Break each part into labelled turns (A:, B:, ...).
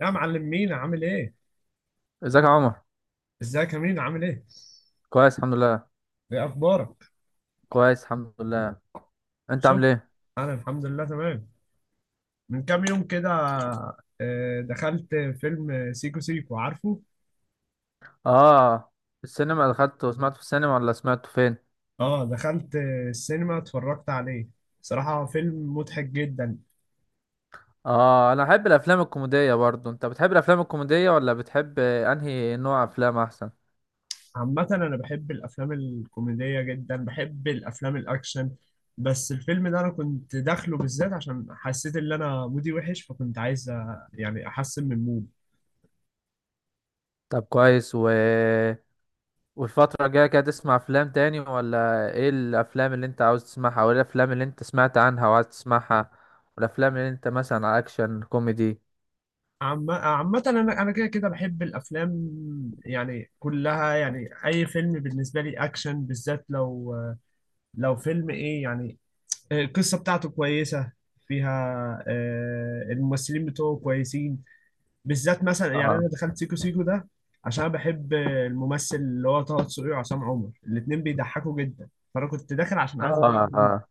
A: يا معلم، مين عامل ايه؟
B: ازيك يا عمر.
A: ازيك يا مين عامل ايه؟
B: كويس الحمد لله.
A: ايه اخبارك؟
B: كويس الحمد لله. انت عامل
A: شفت.
B: ايه؟
A: انا الحمد لله تمام. من كام يوم كده، دخلت فيلم سيكو سيكو، عارفه؟
B: اه. السينما دخلت وسمعته في السينما ولا سمعته فين؟
A: اه دخلت السينما، اتفرجت عليه. صراحة فيلم مضحك جدا.
B: اه، انا بحب الافلام الكوميديه برضو. انت بتحب الافلام الكوميديه ولا بتحب انهي نوع افلام احسن؟
A: عامة انا بحب الافلام الكوميدية جدا، بحب الافلام الاكشن. بس الفيلم ده انا كنت داخله بالذات عشان حسيت ان انا مودي وحش، فكنت عايز يعني احسن من مودي.
B: طب كويس والفتره الجايه كده تسمع افلام تاني، ولا ايه الافلام اللي انت عاوز تسمعها، وايه الافلام اللي انت سمعت عنها وعايز تسمعها، والافلام اللي انت مثلا اكشن كوميدي؟
A: عامة، أنا كده كده بحب الأفلام. يعني كلها، يعني أي فيلم بالنسبة لي أكشن، بالذات لو فيلم إيه يعني. القصة بتاعته كويسة، فيها الممثلين بتوعه كويسين. بالذات مثلا يعني
B: اه،
A: أنا دخلت سيكو سيكو ده عشان أنا بحب الممثل اللي هو طه دسوقي وعصام عمر، الاتنين بيضحكوا جدا. فأنا كنت داخل عشان عايز أبقى.
B: اه، اه،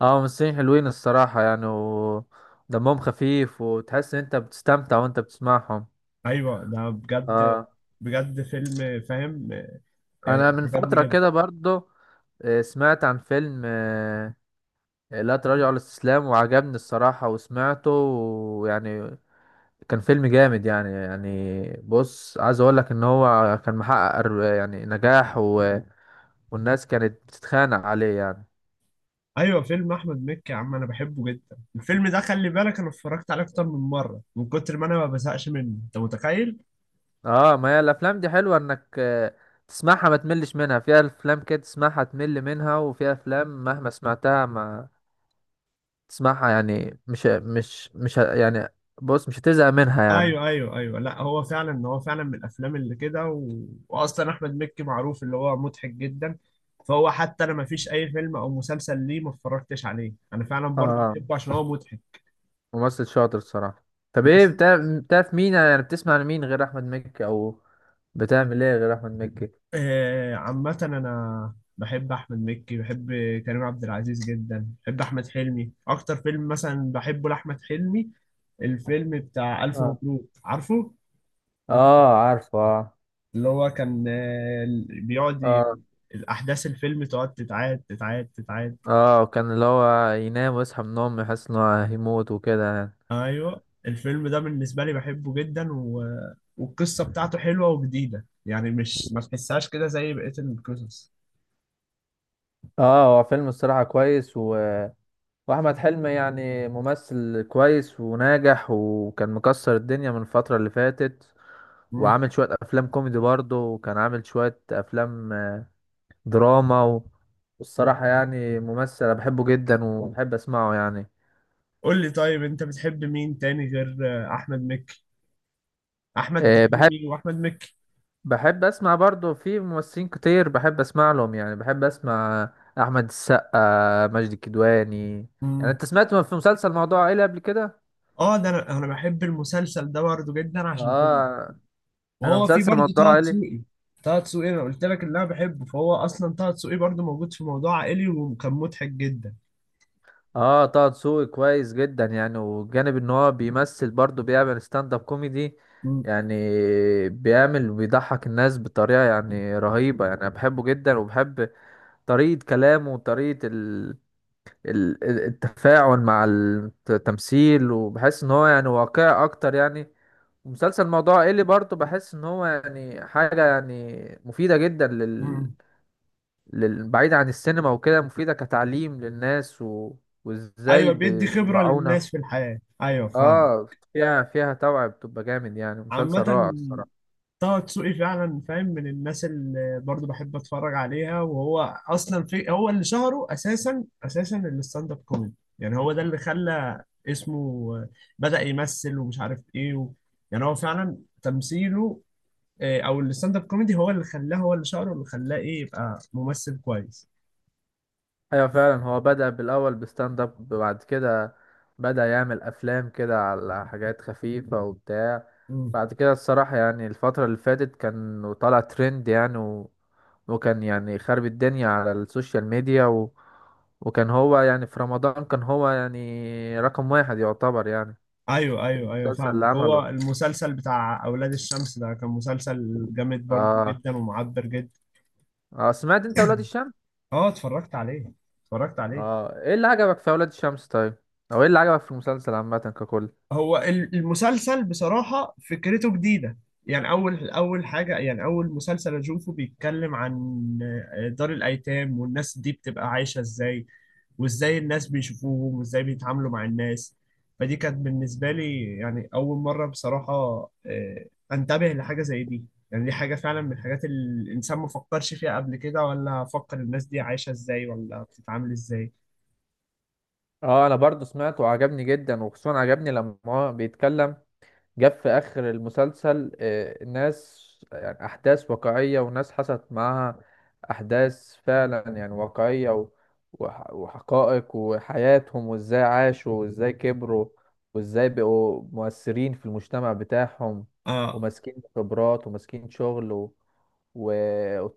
B: اه، ممثلين حلوين الصراحة يعني، ودمهم خفيف وتحس ان انت بتستمتع وانت بتسمعهم.
A: أيوه ده بجد.
B: اه،
A: بجد فيلم فاهم.
B: انا من
A: عجبني
B: فترة
A: جدا.
B: كده برضو سمعت عن فيلم لا تراجع ولا استسلام، وعجبني الصراحة وسمعته، ويعني كان فيلم جامد يعني. بص، عايز اقول لك ان هو كان محقق نجاح والناس كانت بتتخانق عليه يعني.
A: ايوه فيلم احمد مكي يا عم، انا بحبه جدا. الفيلم ده خلي بالك انا اتفرجت عليه اكتر من مره، من كتر ما انا ما بزهقش منه، انت متخيل.
B: اه، ما هي الافلام دي حلوه انك تسمعها ما تملش منها. فيها افلام كده تسمعها تمل منها، وفيها افلام مهما سمعتها ما تسمعها يعني، مش بص، مش هتزهق منها يعني.
A: ايوه ايوه ايوه، لا هو فعلا من الافلام اللي كده، واصلا احمد مكي معروف اللي هو مضحك جدا. فهو حتى انا ما فيش اي فيلم او مسلسل ليه ما اتفرجتش عليه، انا فعلا برضو
B: اه،
A: بحبه عشان هو مضحك.
B: ممثل شاطر الصراحه. طب ايه
A: بس
B: بتاع؟ بتعرف مين يعني؟ بتسمع لمين غير احمد مكي، او بتعمل ايه غير احمد مكي؟
A: عامة أنا بحب أحمد مكي، بحب كريم عبد العزيز جدا، بحب أحمد حلمي. أكتر فيلم مثلا بحبه لأحمد حلمي الفيلم بتاع ألف
B: اه،
A: مبروك، عارفه؟
B: اه، عارفه اه.
A: اللي هو كان بيقعد،
B: اه،
A: يعني الأحداث الفيلم تقعد تتعاد تتعاد تتعاد.
B: اه، كان اللي هو ينام ويصحى من النوم يحس انه هيموت وكده يعني.
A: أيوه الفيلم ده بالنسبة لي بحبه جدا، والقصة بتاعته حلوة وجديدة، يعني مش ما تحسهاش كده زي بقية القصص.
B: اه، هو فيلم الصراحة كويس، واحمد حلمي يعني ممثل كويس وناجح، وكان مكسر الدنيا من الفترة اللي فاتت،
A: مم.
B: وعامل شوية افلام كوميدي برضه، وكان عامل شوية افلام دراما والصراحة يعني ممثل أنا بحبه جدا وبحب اسمعه يعني.
A: قول لي طيب، أنت بتحب مين تاني غير أحمد مكي؟ احمد
B: آه، بحب
A: حلمي واحمد مكي.
B: بحب اسمع برضه. في ممثلين كتير بحب اسمع لهم يعني. بحب اسمع احمد السقا، ماجد الكدواني. يعني
A: مم.
B: انت سمعت في مسلسل موضوع عائلي قبل كده؟
A: اه ده انا بحب المسلسل ده برضه جدا عشان كله،
B: اه، انا
A: وهو في
B: مسلسل
A: برضه
B: موضوع
A: طه
B: عائلي.
A: دسوقي. طه دسوقي انا قلت لك اللي انا بحبه، فهو اصلا طه دسوقي برضه موجود في موضوع عائلي وكان مضحك جدا.
B: اه، طه دسوقي كويس جدا يعني، وجانب ان هو بيمثل برضه بيعمل ستاند اب كوميدي
A: مم.
B: يعني. بيعمل وبيضحك الناس بطريقة يعني رهيبة يعني. انا بحبه جدا، وبحب طريقة كلامه وطريقة التفاعل مع التمثيل، وبحس ان هو يعني واقعي اكتر يعني. ومسلسل موضوع ايه اللي برضه بحس ان هو يعني حاجة يعني مفيدة جدا،
A: مم.
B: بعيد عن السينما وكده، مفيدة كتعليم للناس وازاي
A: ايوه بيدي خبرة
B: بيوعونا.
A: للناس في الحياة، ايوه فاهم.
B: اه، فيها توعية، بتبقى جامد يعني، مسلسل
A: عامة
B: رائع الصراحة.
A: طه دسوقي فعلا فاهم، من الناس اللي برضو بحب اتفرج عليها، وهو اصلا في هو اللي شهره اساسا الستاند اب كوميدي، يعني هو ده اللي خلى اسمه. بدأ يمثل ومش عارف ايه، يعني هو فعلا تمثيله او الستاند اب كوميدي هو اللي خلاه، هو اللي شهره، اللي خلاه ايه يبقى ممثل كويس.
B: ايوه فعلا، هو بدأ بالاول بستاند اب، بعد كده بدأ يعمل افلام كده على حاجات خفيفة وبتاع.
A: مم.
B: بعد كده الصراحة يعني الفترة اللي فاتت كان طالع ترند يعني، وكان يعني خرب الدنيا على السوشيال ميديا، وكان هو يعني في رمضان كان هو يعني رقم واحد يعتبر يعني.
A: ايوه ايوه ايوه،
B: المسلسل اللي
A: فاهمك. هو
B: عمله.
A: المسلسل بتاع اولاد الشمس ده كان مسلسل جامد برضو
B: اه،
A: جدا، ومعبر جدا.
B: اه، سمعت انت اولاد الشمس؟
A: اه اتفرجت عليه، اتفرجت عليه.
B: اه، ايه اللي عجبك في اولاد الشمس طيب؟ او ايه اللي عجبك في المسلسل عامه ككل؟
A: هو المسلسل بصراحة فكرته جديدة. يعني أول أول حاجة، يعني أول مسلسل أشوفه بيتكلم عن دار الأيتام، والناس دي بتبقى عايشة إزاي، وإزاي الناس بيشوفوهم، وإزاي بيتعاملوا مع الناس. فدي كانت بالنسبة لي يعني أول مرة بصراحة آه، أنتبه لحاجة زي دي. يعني دي حاجة فعلا من الحاجات اللي الإنسان ما فكرش فيها قبل كده، ولا فكر الناس دي عايشة إزاي، ولا بتتعامل إزاي.
B: اه، انا برضو سمعته وعجبني جدا، وخصوصا عجبني لما هو بيتكلم، جاب في آخر المسلسل ناس، يعني أحداث واقعية وناس حصلت معاها أحداث فعلا يعني واقعية وحقائق وحياتهم، وإزاي عاشوا وإزاي كبروا، وإزاي بقوا مؤثرين في المجتمع بتاعهم،
A: آه،
B: وماسكين خبرات وماسكين شغل و...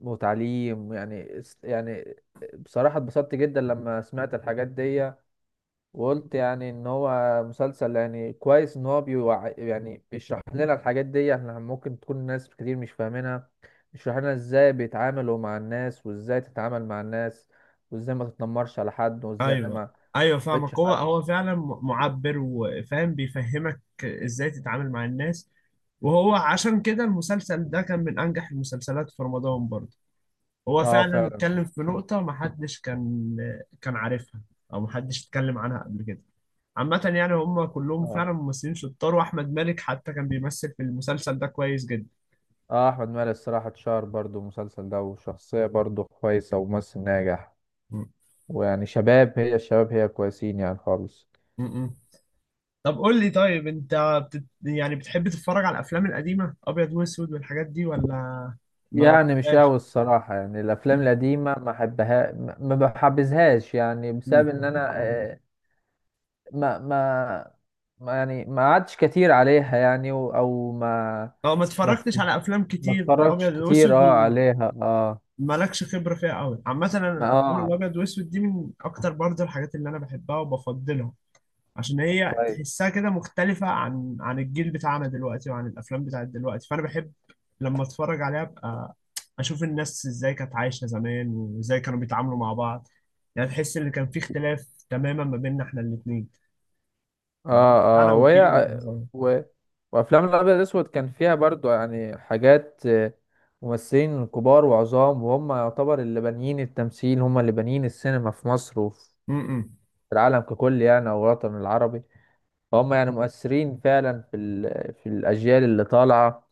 B: وتعليم يعني يعني. بصراحة اتبسطت جدا لما سمعت الحاجات دي، وقلت يعني ان هو مسلسل يعني كويس، ان هو يعني بيشرح لنا الحاجات دي. احنا ممكن تكون ناس كتير مش فاهمينها. بيشرح لنا ازاي بيتعاملوا مع الناس، وازاي تتعامل مع الناس، وازاي ما تتنمرش على حد، وازاي
A: ايوه
B: ما
A: ايوه
B: تبتش
A: فاهمك. هو
B: حد.
A: هو فعلا معبر وفاهم، بيفهمك ازاي تتعامل مع الناس. وهو عشان كده المسلسل ده كان من انجح المسلسلات في رمضان برضه. هو
B: اه
A: فعلا
B: فعلا.
A: اتكلم في نقطة محدش كان عارفها، او محدش اتكلم عنها قبل كده. عامة يعني هم كلهم
B: اه.
A: فعلا ممثلين شطار، واحمد مالك حتى كان بيمثل في المسلسل ده كويس جدا.
B: اه، احمد مالك الصراحة اتشهر برضو المسلسل ده، وشخصية برضو كويسة وممثل ناجح،
A: م-
B: ويعني شباب هي الشباب هي كويسين يعني خالص.
A: م- م. طب قول لي طيب، انت يعني بتحب تتفرج على الافلام القديمه ابيض واسود والحاجات دي، ولا ما
B: يعني مش
A: بتحبهاش؟
B: قوي الصراحة يعني، الأفلام
A: م-
B: القديمة ما أحبها، ما بحبذهاش يعني،
A: م.
B: بسبب إن أنا ما ما ما يعني ما قعدتش كتير عليها يعني أو
A: اه ما
B: ما ف-
A: اتفرجتش على افلام
B: ما
A: كتير
B: اتفرجتش
A: ابيض
B: كتير
A: واسود،
B: أه عليها أه.
A: ومالكش خبره فيها قوي. عامه انا
B: ما
A: الافلام
B: أه.
A: الابيض واسود دي من اكتر برضه الحاجات اللي انا بحبها وبفضلها، عشان هي
B: كويس
A: تحسها كده مختلفة عن الجيل بتاعنا دلوقتي، وعن الأفلام بتاعت دلوقتي. فأنا بحب لما أتفرج عليها أبقى أشوف الناس إزاي كانت عايشة زمان، وإزاي كانوا بيتعاملوا مع بعض. يعني تحس إن كان في اختلاف تماما ما بيننا إحنا الاتنين، الجيل
B: أه.
A: بتاعنا
B: أه
A: والجيل
B: وهي
A: بتاعنا.
B: و... وأفلام الأبيض الأسود كان فيها برضو يعني حاجات ممثلين كبار وعظام، وهم يعتبر اللي بانيين التمثيل، هم اللي بانيين السينما في مصر، في
A: م-م.
B: العالم ككل يعني، او الوطن العربي. فهم يعني مؤثرين فعلا في في الاجيال اللي طالعه،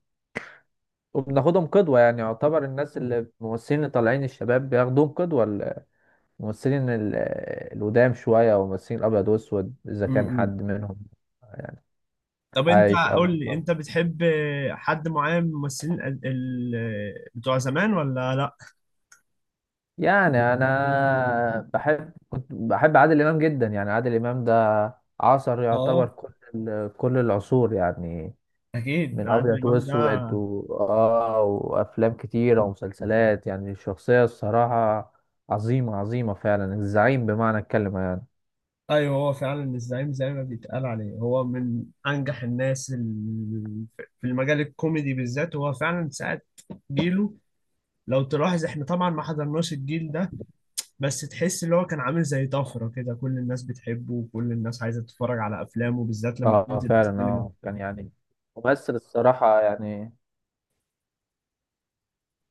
B: وبناخدهم قدوه يعني. يعتبر الناس اللي الممثلين اللي طالعين الشباب بياخدوهم قدوه، الممثلين القدام شويه، او الممثلين الابيض واسود اذا كان
A: م-م.
B: حد منهم
A: طب أنت
B: عايش او
A: قول لي، أنت
B: متوفى.
A: بتحب حد معين من الممثلين بتوع زمان ولا لأ؟
B: يعني انا بحب، كنت بحب عادل امام جدا يعني. عادل امام ده عصر يعتبر
A: اه
B: كل العصور يعني،
A: اكيد ده
B: من
A: عادل
B: ابيض
A: إمام ده.
B: واسود اه، وافلام كتيره ومسلسلات يعني. الشخصيه الصراحه عظيمه عظيمه فعلا. الزعيم بمعنى الكلمه يعني.
A: ايوه هو فعلا الزعيم زي ما بيتقال عليه، هو من انجح الناس في المجال الكوميدي بالذات. هو فعلا ساعة جيله، لو تلاحظ احنا طبعا ما حضرناش الجيل ده. بس تحس اللي هو كان عامل زي طفرة كده، كل الناس بتحبه وكل الناس عايزة تتفرج على افلامه بالذات لما
B: اه
A: بتنزل في
B: فعلا،
A: السينما.
B: اه كان يعني ممثل الصراحه يعني،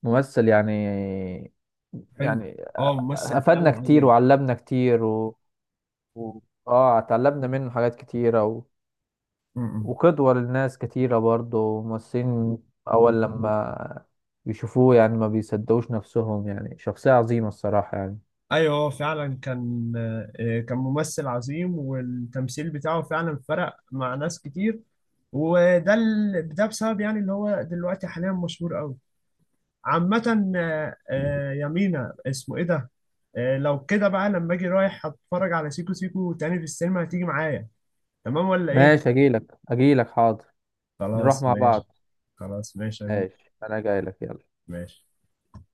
B: ممثل يعني
A: حلو.
B: يعني
A: اه ممثل
B: افادنا
A: فعلا
B: كتير
A: عظيم.
B: وعلمنا كتير و... اه اتعلمنا منه حاجات كتيره،
A: م.
B: وقدوة للناس كتيرة برضه. ممثلين أول لما يشوفوه يعني ما بيصدقوش نفسهم، يعني شخصية عظيمة الصراحة يعني.
A: ايوه هو فعلا كان ممثل عظيم. والتمثيل بتاعه فعلا فرق مع ناس كتير. ده بسبب يعني اللي هو دلوقتي حاليا مشهور قوي. عامة يمينة اسمه ايه ده؟ لو كده بقى لما اجي رايح هتفرج على سيكو سيكو تاني في السينما، هتيجي معايا؟ تمام ولا ايه؟
B: ماشي، أجيلك أجيلك حاضر، نروح
A: خلاص
B: مع
A: ماشي.
B: بعض.
A: خلاص ماشي يا مين.
B: ماشي، أنا جايلك يلا.
A: ماشي.